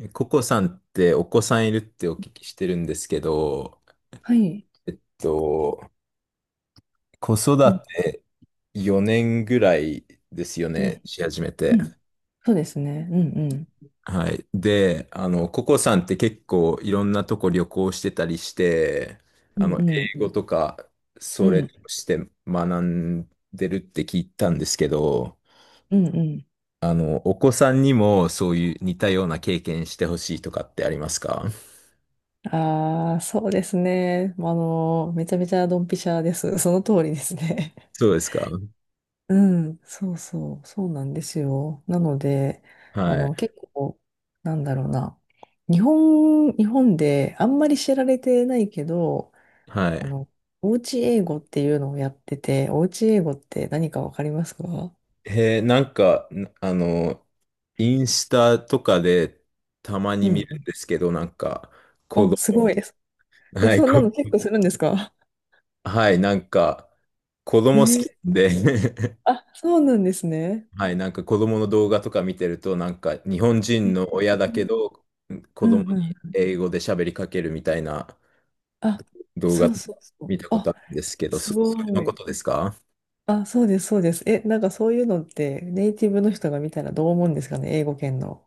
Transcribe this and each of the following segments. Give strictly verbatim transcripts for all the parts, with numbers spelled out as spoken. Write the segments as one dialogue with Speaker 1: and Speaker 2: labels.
Speaker 1: えココさんってお子さんいるってお聞きしてるんですけど、
Speaker 2: はい。
Speaker 1: えっと、子育
Speaker 2: うん、
Speaker 1: てよねんぐらいですよ
Speaker 2: う
Speaker 1: ね、
Speaker 2: ん、
Speaker 1: し始め
Speaker 2: う
Speaker 1: て。
Speaker 2: ん。そうですね。うん、
Speaker 1: はい。で、あの、ココさんって結構いろんなとこ旅行してたりして、
Speaker 2: う
Speaker 1: あ
Speaker 2: ん、
Speaker 1: の、
Speaker 2: うん、
Speaker 1: 英語とか、
Speaker 2: う
Speaker 1: それと
Speaker 2: ん、
Speaker 1: して学んでるって聞いたんですけど、
Speaker 2: うん、うん。
Speaker 1: あの、お子さんにもそういう似たような経験してほしいとかってありますか？
Speaker 2: ああ、そうですね。あの、めちゃめちゃドンピシャです。その通りですね。
Speaker 1: そうですか？
Speaker 2: うん、そうそう、そうなんですよ。なので、あ
Speaker 1: はい。
Speaker 2: の、結構、なんだろうな。日本、日本であんまり知られてないけど、
Speaker 1: は
Speaker 2: あ
Speaker 1: い。
Speaker 2: の、おうち英語っていうのをやってて、おうち英語って何かわかりますか？
Speaker 1: へえ、なんか、んあの、インスタとかでたま
Speaker 2: う
Speaker 1: に
Speaker 2: ん
Speaker 1: 見
Speaker 2: う
Speaker 1: るん
Speaker 2: ん。
Speaker 1: ですけど、なんか、子
Speaker 2: お、
Speaker 1: 供、
Speaker 2: すごいです。え、
Speaker 1: はい、
Speaker 2: そんな
Speaker 1: こ
Speaker 2: の結構するんですか？
Speaker 1: はい、なんか、子
Speaker 2: え
Speaker 1: 供好
Speaker 2: ー、
Speaker 1: きなんで。
Speaker 2: あ、そうなんですね。
Speaker 1: はい、なんか子供の動画とか見てると、なんか、日本
Speaker 2: え
Speaker 1: 人の
Speaker 2: ー
Speaker 1: 親だけど、子
Speaker 2: う
Speaker 1: 供
Speaker 2: ん
Speaker 1: に
Speaker 2: うん。
Speaker 1: 英語で喋りかけるみたいな
Speaker 2: あ、
Speaker 1: 動画
Speaker 2: そう
Speaker 1: とか
Speaker 2: そうそ
Speaker 1: 見
Speaker 2: う。
Speaker 1: たこと
Speaker 2: あ、
Speaker 1: あるんですけど、
Speaker 2: す
Speaker 1: そ、それ
Speaker 2: ご
Speaker 1: のこ
Speaker 2: い。
Speaker 1: とですか？
Speaker 2: あ、そうです、そうです。え、なんかそういうのってネイティブの人が見たらどう思うんですかね、英語圏の。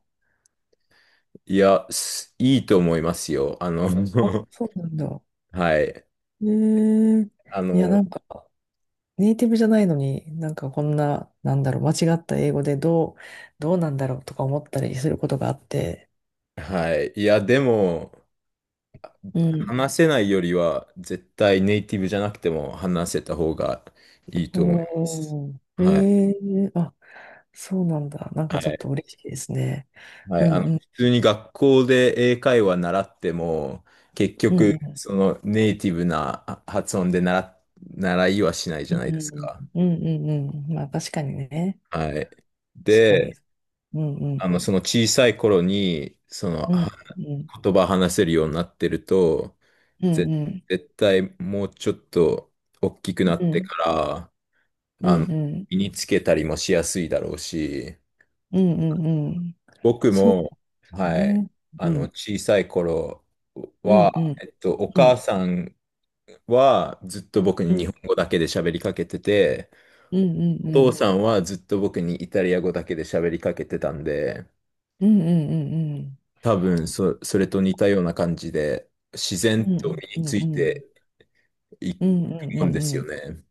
Speaker 1: いや、すいいと思いますよ。あの、
Speaker 2: あ、そうなんだ。
Speaker 1: はい、
Speaker 2: えー、
Speaker 1: あ
Speaker 2: いや、
Speaker 1: の、
Speaker 2: なんか、ネイティブじゃないのに、なんかこんな、なんだろう、間違った英語でどう、どうなんだろうとか思ったりすることがあって。
Speaker 1: はい、いや、でも、
Speaker 2: うん。
Speaker 1: 話せないよりは、絶対ネイティブじゃなくても話せた方がいいと思います。
Speaker 2: おー、
Speaker 1: はい。
Speaker 2: えー、あ、そうなんだ。なん
Speaker 1: は
Speaker 2: かちょっと
Speaker 1: い。
Speaker 2: 嬉しいですね。
Speaker 1: は
Speaker 2: う
Speaker 1: い。あ
Speaker 2: ん
Speaker 1: の、
Speaker 2: うん
Speaker 1: 普通に学校で英会話習っても、結
Speaker 2: う
Speaker 1: 局、
Speaker 2: ん
Speaker 1: そのネイティブなあ発音で習習いはしないじ
Speaker 2: う
Speaker 1: ゃ
Speaker 2: ん
Speaker 1: な
Speaker 2: う
Speaker 1: いです
Speaker 2: ん
Speaker 1: か。
Speaker 2: うんうんうんうんうん。まあ確かにね。
Speaker 1: はい。
Speaker 2: 確かに。
Speaker 1: で、
Speaker 2: うんう
Speaker 1: あ
Speaker 2: ん
Speaker 1: の、その小さい頃に、その、
Speaker 2: うん
Speaker 1: は
Speaker 2: うん
Speaker 1: 言葉話せるようになってると、
Speaker 2: う
Speaker 1: ぜ、
Speaker 2: んうん
Speaker 1: 絶対もうちょっと大きくなっ
Speaker 2: う
Speaker 1: て
Speaker 2: ん
Speaker 1: から、
Speaker 2: う
Speaker 1: あの、
Speaker 2: んうん
Speaker 1: 身につけたりもしやすいだろうし、
Speaker 2: うんうんうん。
Speaker 1: 僕
Speaker 2: そ
Speaker 1: も、
Speaker 2: う
Speaker 1: はい、
Speaker 2: ね。
Speaker 1: あ
Speaker 2: う
Speaker 1: の、
Speaker 2: ん
Speaker 1: 小さい頃
Speaker 2: うんう
Speaker 1: は、
Speaker 2: ん
Speaker 1: えっと、お
Speaker 2: う
Speaker 1: 母
Speaker 2: ん
Speaker 1: さんはずっと僕
Speaker 2: う
Speaker 1: に日
Speaker 2: ん
Speaker 1: 本語だけで喋りかけてて、
Speaker 2: う
Speaker 1: お父
Speaker 2: ん
Speaker 1: さんはずっと僕にイタリア語だけで喋りかけてたんで、
Speaker 2: うんうんうんうん
Speaker 1: 多分そ、それと似たような感じで、自
Speaker 2: うん
Speaker 1: 然と身
Speaker 2: う
Speaker 1: につ
Speaker 2: んう
Speaker 1: い
Speaker 2: んう
Speaker 1: ていく
Speaker 2: ん
Speaker 1: もんです
Speaker 2: う
Speaker 1: よ
Speaker 2: ん。
Speaker 1: ね。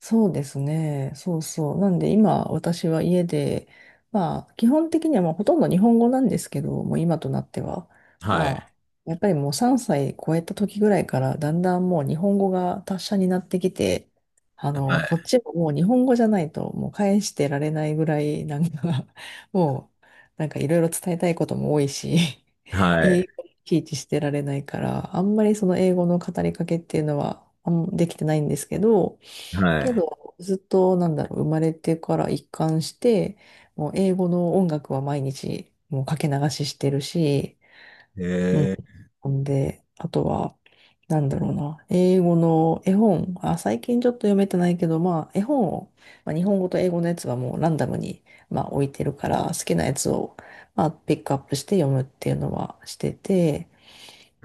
Speaker 2: そうですね。そうそう。なんで今私は家で、まあ基本的にはまあほとんど日本語なんですけど、もう今となっては、
Speaker 1: はい、
Speaker 2: まあやっぱりもうさんさい超えた時ぐらいからだんだんもう日本語が達者になってきて、あ
Speaker 1: は
Speaker 2: の、こ
Speaker 1: い、
Speaker 2: っちももう日本語じゃないともう返してられないぐらいなんか もうなんかいろいろ伝えたいことも多いし、
Speaker 1: は
Speaker 2: 英
Speaker 1: い、
Speaker 2: 語にいちいちしてられないから、あんまりその英語の語りかけっていうのはあんできてないんですけど、け
Speaker 1: は
Speaker 2: ど、ずっと、なんだろう、生まれてから一貫して、もう英語の音楽は毎日、もうかけ流ししてるし、
Speaker 1: い。
Speaker 2: うん。
Speaker 1: えー、
Speaker 2: ほんで、あとは、なんだろうな、英語の絵本、あ、最近ちょっと読めてないけど、まあ、絵本を、まあ、日本語と英語のやつはもうランダムに、まあ、置いてるから、好きなやつを、まあ、ピックアップして読むっていうのはしてて、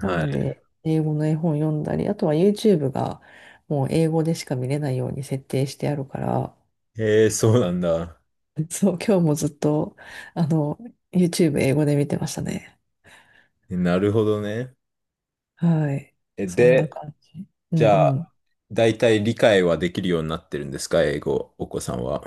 Speaker 2: な
Speaker 1: い。
Speaker 2: んで、英語の絵本読んだり、あとは YouTube がもう英語でしか見れないように設定してあるから、
Speaker 1: ええ、そうなんだ。
Speaker 2: そう、今日もずっと、あの、YouTube 英語で見てましたね。
Speaker 1: えなるほどね。
Speaker 2: はい。
Speaker 1: え、
Speaker 2: そんな
Speaker 1: で、
Speaker 2: 感じ。う
Speaker 1: じ
Speaker 2: ん
Speaker 1: ゃ
Speaker 2: う
Speaker 1: あ、
Speaker 2: ん。
Speaker 1: 大体理解はできるようになってるんですか、英語、お子さんは。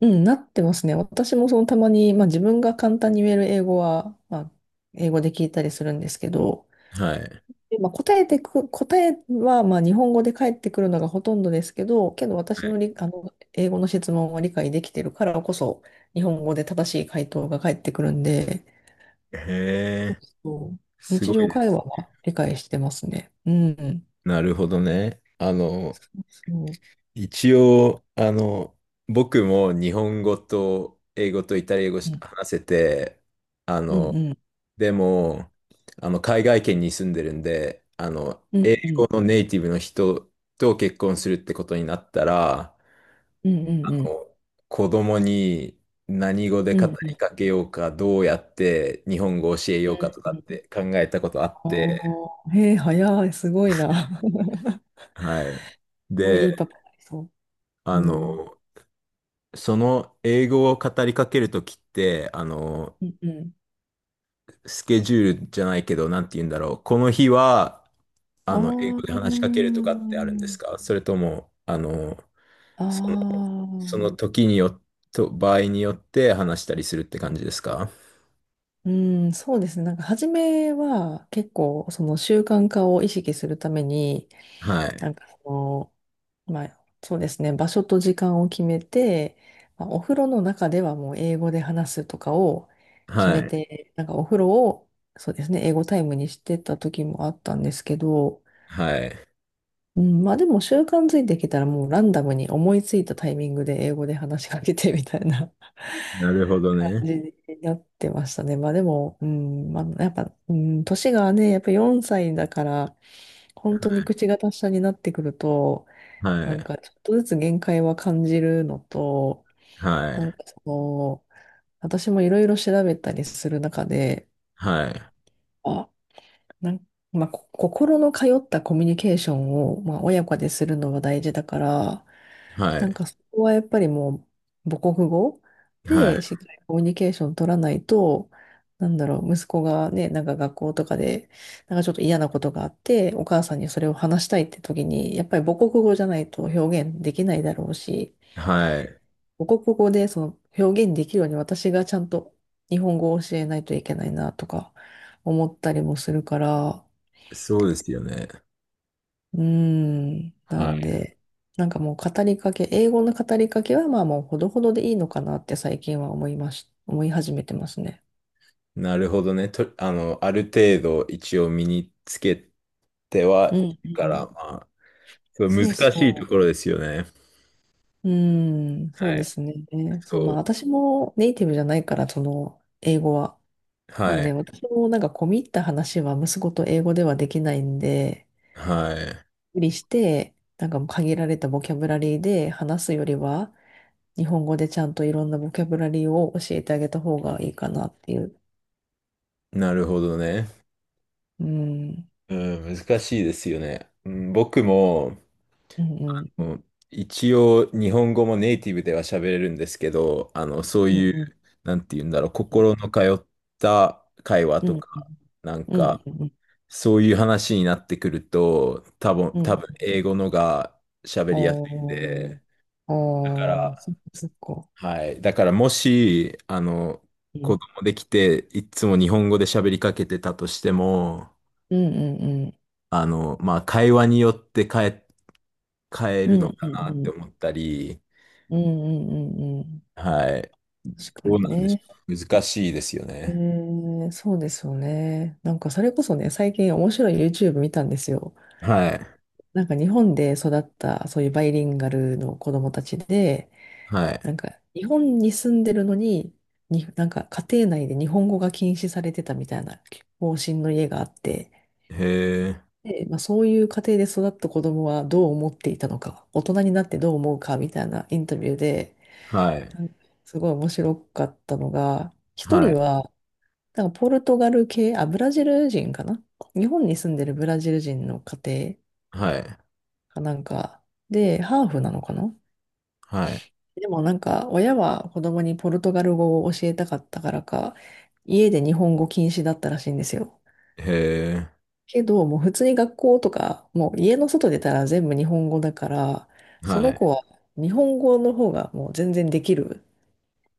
Speaker 2: うん、なってますね。私もそのたまに、まあ自分が簡単に言える英語は、まあ英語で聞いたりするんですけど、
Speaker 1: はい。
Speaker 2: でまあ、答えてく、答えはまあ日本語で返ってくるのがほとんどですけど、けど私のり、あの英語の質問を理解できてるからこそ、日本語で正しい回答が返ってくるんで、
Speaker 1: へえ、
Speaker 2: そう、
Speaker 1: す
Speaker 2: 日
Speaker 1: ごい
Speaker 2: 常
Speaker 1: で
Speaker 2: 会
Speaker 1: す。
Speaker 2: 話は理解してますね。うん。
Speaker 1: なるほどね。あ
Speaker 2: そ
Speaker 1: の、
Speaker 2: うそう。
Speaker 1: 一応、あの、僕も日本語と英語とイタリア語
Speaker 2: う
Speaker 1: し
Speaker 2: ん
Speaker 1: 話せて、あ
Speaker 2: うん
Speaker 1: の、
Speaker 2: うん。
Speaker 1: でも、あの、海外圏に住んでるんで、あの、
Speaker 2: うんう
Speaker 1: こ
Speaker 2: ん
Speaker 1: のネイティブの人と結婚するってことになったら、
Speaker 2: うんうん
Speaker 1: こう子供に何語で
Speaker 2: うんう
Speaker 1: 語
Speaker 2: んう
Speaker 1: り
Speaker 2: ん
Speaker 1: かけようか、どうやって日本語を教え
Speaker 2: う
Speaker 1: ようかとか
Speaker 2: んう
Speaker 1: っ
Speaker 2: ん。
Speaker 1: て考えたことあって、
Speaker 2: ああ、へえ、早い、すごいな。
Speaker 1: はい。
Speaker 2: すごい
Speaker 1: で、
Speaker 2: いいパパになりそう。う
Speaker 1: あ
Speaker 2: ん。
Speaker 1: の、その英語を語りかけるときって、あの、
Speaker 2: うんうん。
Speaker 1: スケジュールじゃないけど、なんて言うんだろう。この日は、あの、英語で
Speaker 2: あ
Speaker 1: 話しかけるとかってあるんですか？
Speaker 2: あ。
Speaker 1: それとも、あの、
Speaker 2: あ
Speaker 1: その、その
Speaker 2: あ、
Speaker 1: 時によ、と、場合によって話したりするって感じですか？
Speaker 2: うん、そうですね。なんか初めは結構その習慣化を意識するために、
Speaker 1: は
Speaker 2: な
Speaker 1: い。
Speaker 2: んかその、まあそうですね、場所と時間を決めて、まあ、お風呂の中ではもう英語で話すとかを決
Speaker 1: は
Speaker 2: め
Speaker 1: い。
Speaker 2: て、なんかお風呂を、そうですね、英語タイムにしてた時もあったんですけど、
Speaker 1: はい。
Speaker 2: うん、まあでも習慣づいてきたらもうランダムに思いついたタイミングで英語で話しかけてみたいな
Speaker 1: なるほ ど
Speaker 2: 感
Speaker 1: ね。
Speaker 2: じになってましたね。まあでも、うん、まあやっぱ、うん、年がね、やっぱよんさいだから、本当に口が達者になってくると、な
Speaker 1: は
Speaker 2: ん
Speaker 1: い。
Speaker 2: かちょっとずつ限界は感じるのと、
Speaker 1: は
Speaker 2: なん
Speaker 1: い。
Speaker 2: かその、私もいろいろ調べたりする中で、
Speaker 1: はい。
Speaker 2: あ、なんかまあ、こ心の通ったコミュニケーションを、まあ、親子でするのは大事だから、
Speaker 1: は
Speaker 2: なん
Speaker 1: い。
Speaker 2: かそこはやっぱりもう母国語
Speaker 1: はい。
Speaker 2: でしっかりコミュニケーション取らないと、なんだろう、息子がね、なんか学校とかで、なんかちょっと嫌なことがあって、お母さんにそれを話したいって時に、やっぱり母国語じゃないと表現できないだろうし、
Speaker 1: はい。
Speaker 2: 母国語でその表現できるように私がちゃんと日本語を教えないといけないなとか思ったりもするから、
Speaker 1: そうですよね。
Speaker 2: うーん。な
Speaker 1: はい。
Speaker 2: んで、なんかもう語りかけ、英語の語りかけはまあもうほどほどでいいのかなって最近は思いまし、思い始めてますね。
Speaker 1: なるほどね。と、あの、ある程度一応身につけて
Speaker 2: う
Speaker 1: はい
Speaker 2: ん、
Speaker 1: る
Speaker 2: う
Speaker 1: から、
Speaker 2: ん。
Speaker 1: まあ、そう
Speaker 2: そ
Speaker 1: 難
Speaker 2: う
Speaker 1: しいと
Speaker 2: そ
Speaker 1: ころですよね。
Speaker 2: う。うーん、そ
Speaker 1: は
Speaker 2: うで
Speaker 1: い。
Speaker 2: すね。そう、
Speaker 1: そ
Speaker 2: まあ
Speaker 1: う。
Speaker 2: 私もネイティブじゃないから、その英語は。なん
Speaker 1: はい。
Speaker 2: で私もなんか込み入った話は息子と英語ではできないんで、
Speaker 1: は
Speaker 2: 無理して、なんかもう限られたボキャブラリーで話すよりは、日本語でちゃんといろんなボキャブラリーを教えてあげた方がいいかなっていう、
Speaker 1: い。なるほどね。
Speaker 2: うん、
Speaker 1: うん、難しいですよね。うん、僕も、
Speaker 2: うん、うん、
Speaker 1: もう一応日本語もネイティブでは喋れるんですけど、あの、そう
Speaker 2: うん、
Speaker 1: いう、
Speaker 2: うん、
Speaker 1: なんて言うんだろう、心の通った会話
Speaker 2: うん、
Speaker 1: と
Speaker 2: うん、
Speaker 1: か、なん
Speaker 2: うん、
Speaker 1: か、
Speaker 2: うん
Speaker 1: そういう話になってくると、多分、
Speaker 2: う
Speaker 1: 多
Speaker 2: ん、
Speaker 1: 分英語のが喋りやすいん
Speaker 2: お
Speaker 1: で、
Speaker 2: ー、
Speaker 1: だか
Speaker 2: おー、そ
Speaker 1: ら、
Speaker 2: っか、そっか、
Speaker 1: はい。だからもし、あの、
Speaker 2: う
Speaker 1: 子
Speaker 2: ん、
Speaker 1: 供できて、いつも日本語で喋りかけてたとしても、
Speaker 2: うん、うん、
Speaker 1: あの、まあ、会話によって変え、変え
Speaker 2: う
Speaker 1: る
Speaker 2: ん、うん、
Speaker 1: のかなっ
Speaker 2: う
Speaker 1: て
Speaker 2: ん、
Speaker 1: 思ったり、
Speaker 2: うん、うん、うん、うんうん、
Speaker 1: はい。
Speaker 2: 確か
Speaker 1: どう
Speaker 2: に
Speaker 1: なんでしょ
Speaker 2: ね。
Speaker 1: う。難しいですよ
Speaker 2: え
Speaker 1: ね。
Speaker 2: ー、そうですよね。なんか、それこそね、最近面白い YouTube 見たんですよ。
Speaker 1: はい。
Speaker 2: なんか、日本で育った、そういうバイリンガルの子供たちで、
Speaker 1: はい。
Speaker 2: なんか、日本に住んでるのに、に、なんか家庭内で日本語が禁止されてたみたいな方針の家があって、
Speaker 1: へえ。
Speaker 2: で、まあ、そういう家庭で育った子供はどう思っていたのか、大人になってどう思うかみたいなインタビューで、
Speaker 1: はい。
Speaker 2: なんかすごい面白かったのが、一
Speaker 1: は
Speaker 2: 人
Speaker 1: い。
Speaker 2: は、なんかポルトガル系、あ、ブラジル人かな？日本に住んでるブラジル人の家庭
Speaker 1: はい。
Speaker 2: かなんか、で、ハーフなのかな？
Speaker 1: はい。
Speaker 2: でもなんか親は子供にポルトガル語を教えたかったからか、家で日本語禁止だったらしいんですよ。
Speaker 1: へえ。
Speaker 2: けど、もう普通に学校とか、もう家の外出たら全部日本語だから、そ
Speaker 1: は
Speaker 2: の
Speaker 1: い。
Speaker 2: 子は日本語の方がもう全然できる。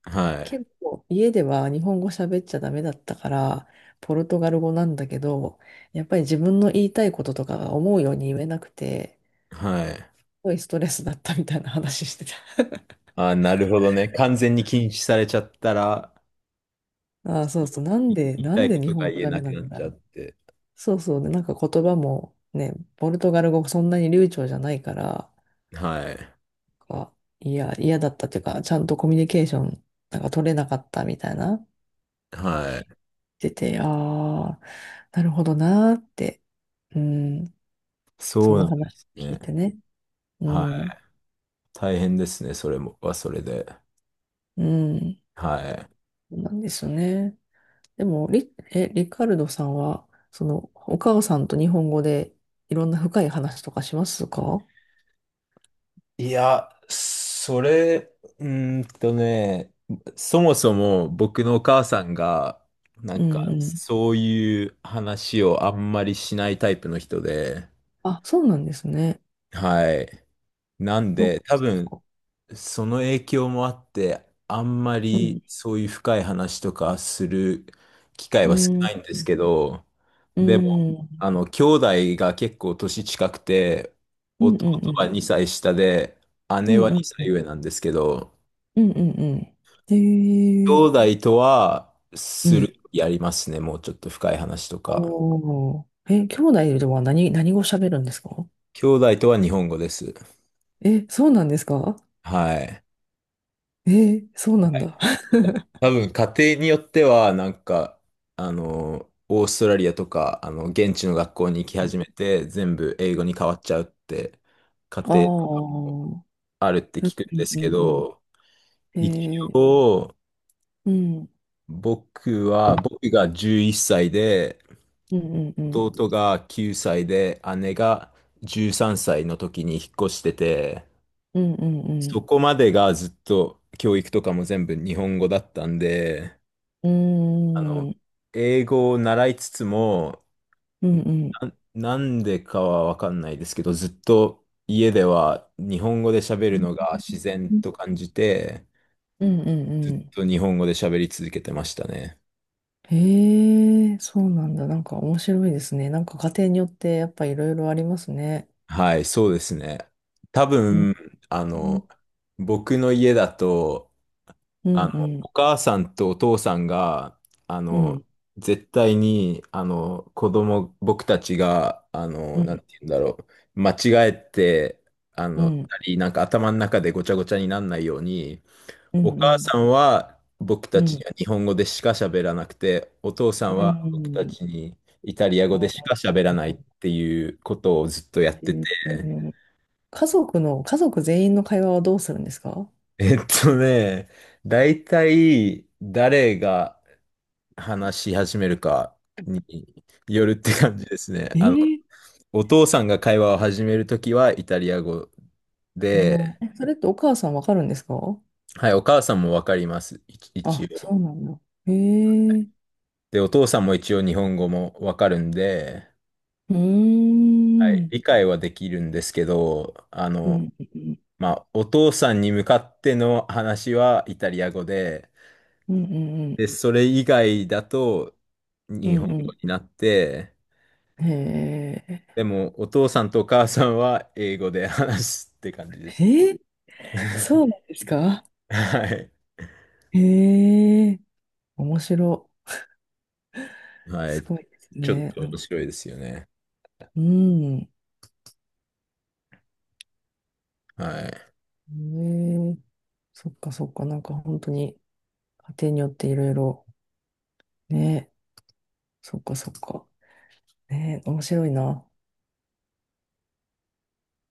Speaker 1: はい。
Speaker 2: けど、家では日本語喋っちゃダメだったから、ポルトガル語なんだけど、やっぱり自分の言いたいこととかが思うように言えなくて、
Speaker 1: はい。
Speaker 2: すごいストレスだったみたいな話してた。
Speaker 1: あなるほどね。完全に禁止されちゃったら、
Speaker 2: ああ、そうそう。なん
Speaker 1: い
Speaker 2: で、
Speaker 1: 言い
Speaker 2: な
Speaker 1: た
Speaker 2: ん
Speaker 1: いこ
Speaker 2: で日
Speaker 1: とが
Speaker 2: 本語
Speaker 1: 言え
Speaker 2: ダ
Speaker 1: な
Speaker 2: メな
Speaker 1: くな
Speaker 2: ん
Speaker 1: っ
Speaker 2: だ
Speaker 1: ち
Speaker 2: ろ
Speaker 1: ゃっ
Speaker 2: う。
Speaker 1: て。
Speaker 2: そうそう、で、なんか言葉もね、ポルトガル語そんなに流暢じゃないから、
Speaker 1: はい。
Speaker 2: あ、いや、嫌だったっていうか、ちゃんとコミュニケーションなんか取れなかったみたいな、
Speaker 1: はい。
Speaker 2: 出て、ああ、なるほどなーって、うん、そ
Speaker 1: そう
Speaker 2: の
Speaker 1: なんで
Speaker 2: 話
Speaker 1: す
Speaker 2: 聞い
Speaker 1: ね。
Speaker 2: てね。う
Speaker 1: はい。
Speaker 2: ん、
Speaker 1: 大変ですね。それも、はそれで。
Speaker 2: うん、
Speaker 1: はい。
Speaker 2: そうなんですよね。でも、リ、え、リカルドさんは、その、お母さんと日本語でいろんな深い話とかしますか？
Speaker 1: いや、それ、うーんとね、そもそも僕のお母さんが、な
Speaker 2: う
Speaker 1: ん
Speaker 2: ん
Speaker 1: か、
Speaker 2: うん。
Speaker 1: そういう話をあんまりしないタイプの人で、
Speaker 2: あ、そうなんですね。
Speaker 1: はい。なん
Speaker 2: そっ
Speaker 1: で、多分、
Speaker 2: か。
Speaker 1: その影響もあって、あんま
Speaker 2: う
Speaker 1: り
Speaker 2: ん
Speaker 1: そういう深い話とかする機会
Speaker 2: う
Speaker 1: は少
Speaker 2: ん、う
Speaker 1: ないんですけど、でも、
Speaker 2: ん、
Speaker 1: あの、兄弟が結構年近くて、
Speaker 2: うんうん
Speaker 1: 弟
Speaker 2: う
Speaker 1: は
Speaker 2: ん、
Speaker 1: にさい下で、
Speaker 2: う
Speaker 1: 姉は
Speaker 2: ん
Speaker 1: 2
Speaker 2: うん、
Speaker 1: 歳上なんですけど、
Speaker 2: うんうんうん。へえ、
Speaker 1: 兄弟とは
Speaker 2: う
Speaker 1: する、
Speaker 2: ん。
Speaker 1: やりますね、もうちょっと深い話とか。
Speaker 2: おー。え、兄弟では何、何語喋るんですか？
Speaker 1: 兄弟とは日本語です。
Speaker 2: え、そうなんですか？
Speaker 1: はい。
Speaker 2: え、そうなんだ。
Speaker 1: 多分家庭によってはなんかあのオーストラリアとかあの現地の学校に行き始めて全部英語に変わっちゃうって家
Speaker 2: ああ、
Speaker 1: 庭
Speaker 2: う
Speaker 1: あるって
Speaker 2: んう
Speaker 1: 聞くん
Speaker 2: ん
Speaker 1: ですけ
Speaker 2: うん
Speaker 1: ど、
Speaker 2: うん。
Speaker 1: 一
Speaker 2: えー、
Speaker 1: 応
Speaker 2: うん、
Speaker 1: 僕は僕がじゅういっさいで
Speaker 2: うんうんうん。
Speaker 1: 弟がきゅうさいで姉がじゅうさんさいの時に引っ越してて、
Speaker 2: うんう
Speaker 1: そ
Speaker 2: ん
Speaker 1: こまでがずっと教育とかも全部日本語だったんで、
Speaker 2: うん。うー
Speaker 1: あの、
Speaker 2: ん、
Speaker 1: 英語を習いつつも
Speaker 2: うんうん。
Speaker 1: な、なんでかはわかんないですけど、ずっと家では日本語で喋るのが自然と感じて、
Speaker 2: うんうん
Speaker 1: ずっ
Speaker 2: うん。
Speaker 1: と日本語で喋り続けてましたね。
Speaker 2: へえ、そうなんだ。なんか面白いですね。なんか家庭によってやっぱいろいろありますね。
Speaker 1: はい、そうですね。多
Speaker 2: うん
Speaker 1: 分、あの、僕の家だと、
Speaker 2: う
Speaker 1: あ
Speaker 2: んう
Speaker 1: の、お
Speaker 2: ん
Speaker 1: 母さんとお父さんが、あ
Speaker 2: う
Speaker 1: の、
Speaker 2: ん
Speaker 1: 絶対に、あの、子供、僕たちが、あ
Speaker 2: う
Speaker 1: の、なん
Speaker 2: ん
Speaker 1: て言うんだろう、間違えて、あ
Speaker 2: う
Speaker 1: の、た
Speaker 2: ん
Speaker 1: りなんか頭の中でごちゃごちゃにならないように、
Speaker 2: うん
Speaker 1: お
Speaker 2: う
Speaker 1: 母
Speaker 2: ん
Speaker 1: さんは僕
Speaker 2: う
Speaker 1: たち
Speaker 2: ん
Speaker 1: には日本語でしか喋らなくて、お父さ
Speaker 2: う
Speaker 1: んは僕た
Speaker 2: ん、
Speaker 1: ちにイタリア
Speaker 2: あ
Speaker 1: 語でし
Speaker 2: ー、
Speaker 1: か喋らないっていうことをずっとやっ
Speaker 2: え
Speaker 1: てて、
Speaker 2: ー家族の家族全員の会話はどうするんですか？
Speaker 1: えっとね、大体誰が、話し始めるかによるって
Speaker 2: え
Speaker 1: 感じですね。
Speaker 2: え
Speaker 1: あの、
Speaker 2: ー、
Speaker 1: お父さんが会話を始めるときはイタリア語
Speaker 2: う
Speaker 1: で、
Speaker 2: ん、え、それってお母さんわかるんですか？
Speaker 1: はい、お母さんもわかります。一一
Speaker 2: あ、そ
Speaker 1: 応。
Speaker 2: うなんだ。へえ、う
Speaker 1: で、お父さんも一応日本語もわかるんで、
Speaker 2: ー
Speaker 1: はい、
Speaker 2: ん、
Speaker 1: 理解はできるんですけど、あ
Speaker 2: う
Speaker 1: の、
Speaker 2: ん、うん、
Speaker 1: まあ、お父さんに向かっての話はイタリア語で、
Speaker 2: うん、うん、
Speaker 1: で、それ以外だと
Speaker 2: う
Speaker 1: 日
Speaker 2: ん、
Speaker 1: 本語
Speaker 2: うん、う
Speaker 1: になって、
Speaker 2: ん、へ
Speaker 1: でも、お父さんとお母さんは英語で話すって感じで
Speaker 2: え、
Speaker 1: す。
Speaker 2: へえ、そう なんですか？
Speaker 1: はい。
Speaker 2: へえ、面白い、
Speaker 1: はい。
Speaker 2: すごいです
Speaker 1: ちょっ
Speaker 2: ね、
Speaker 1: と
Speaker 2: なん
Speaker 1: 面
Speaker 2: か、
Speaker 1: 白いですよね。
Speaker 2: うん、
Speaker 1: はい。
Speaker 2: ええ、そっかそっか、なんか本当に家庭によっていろいろ、ね、そっかそっか、ね、面白いな。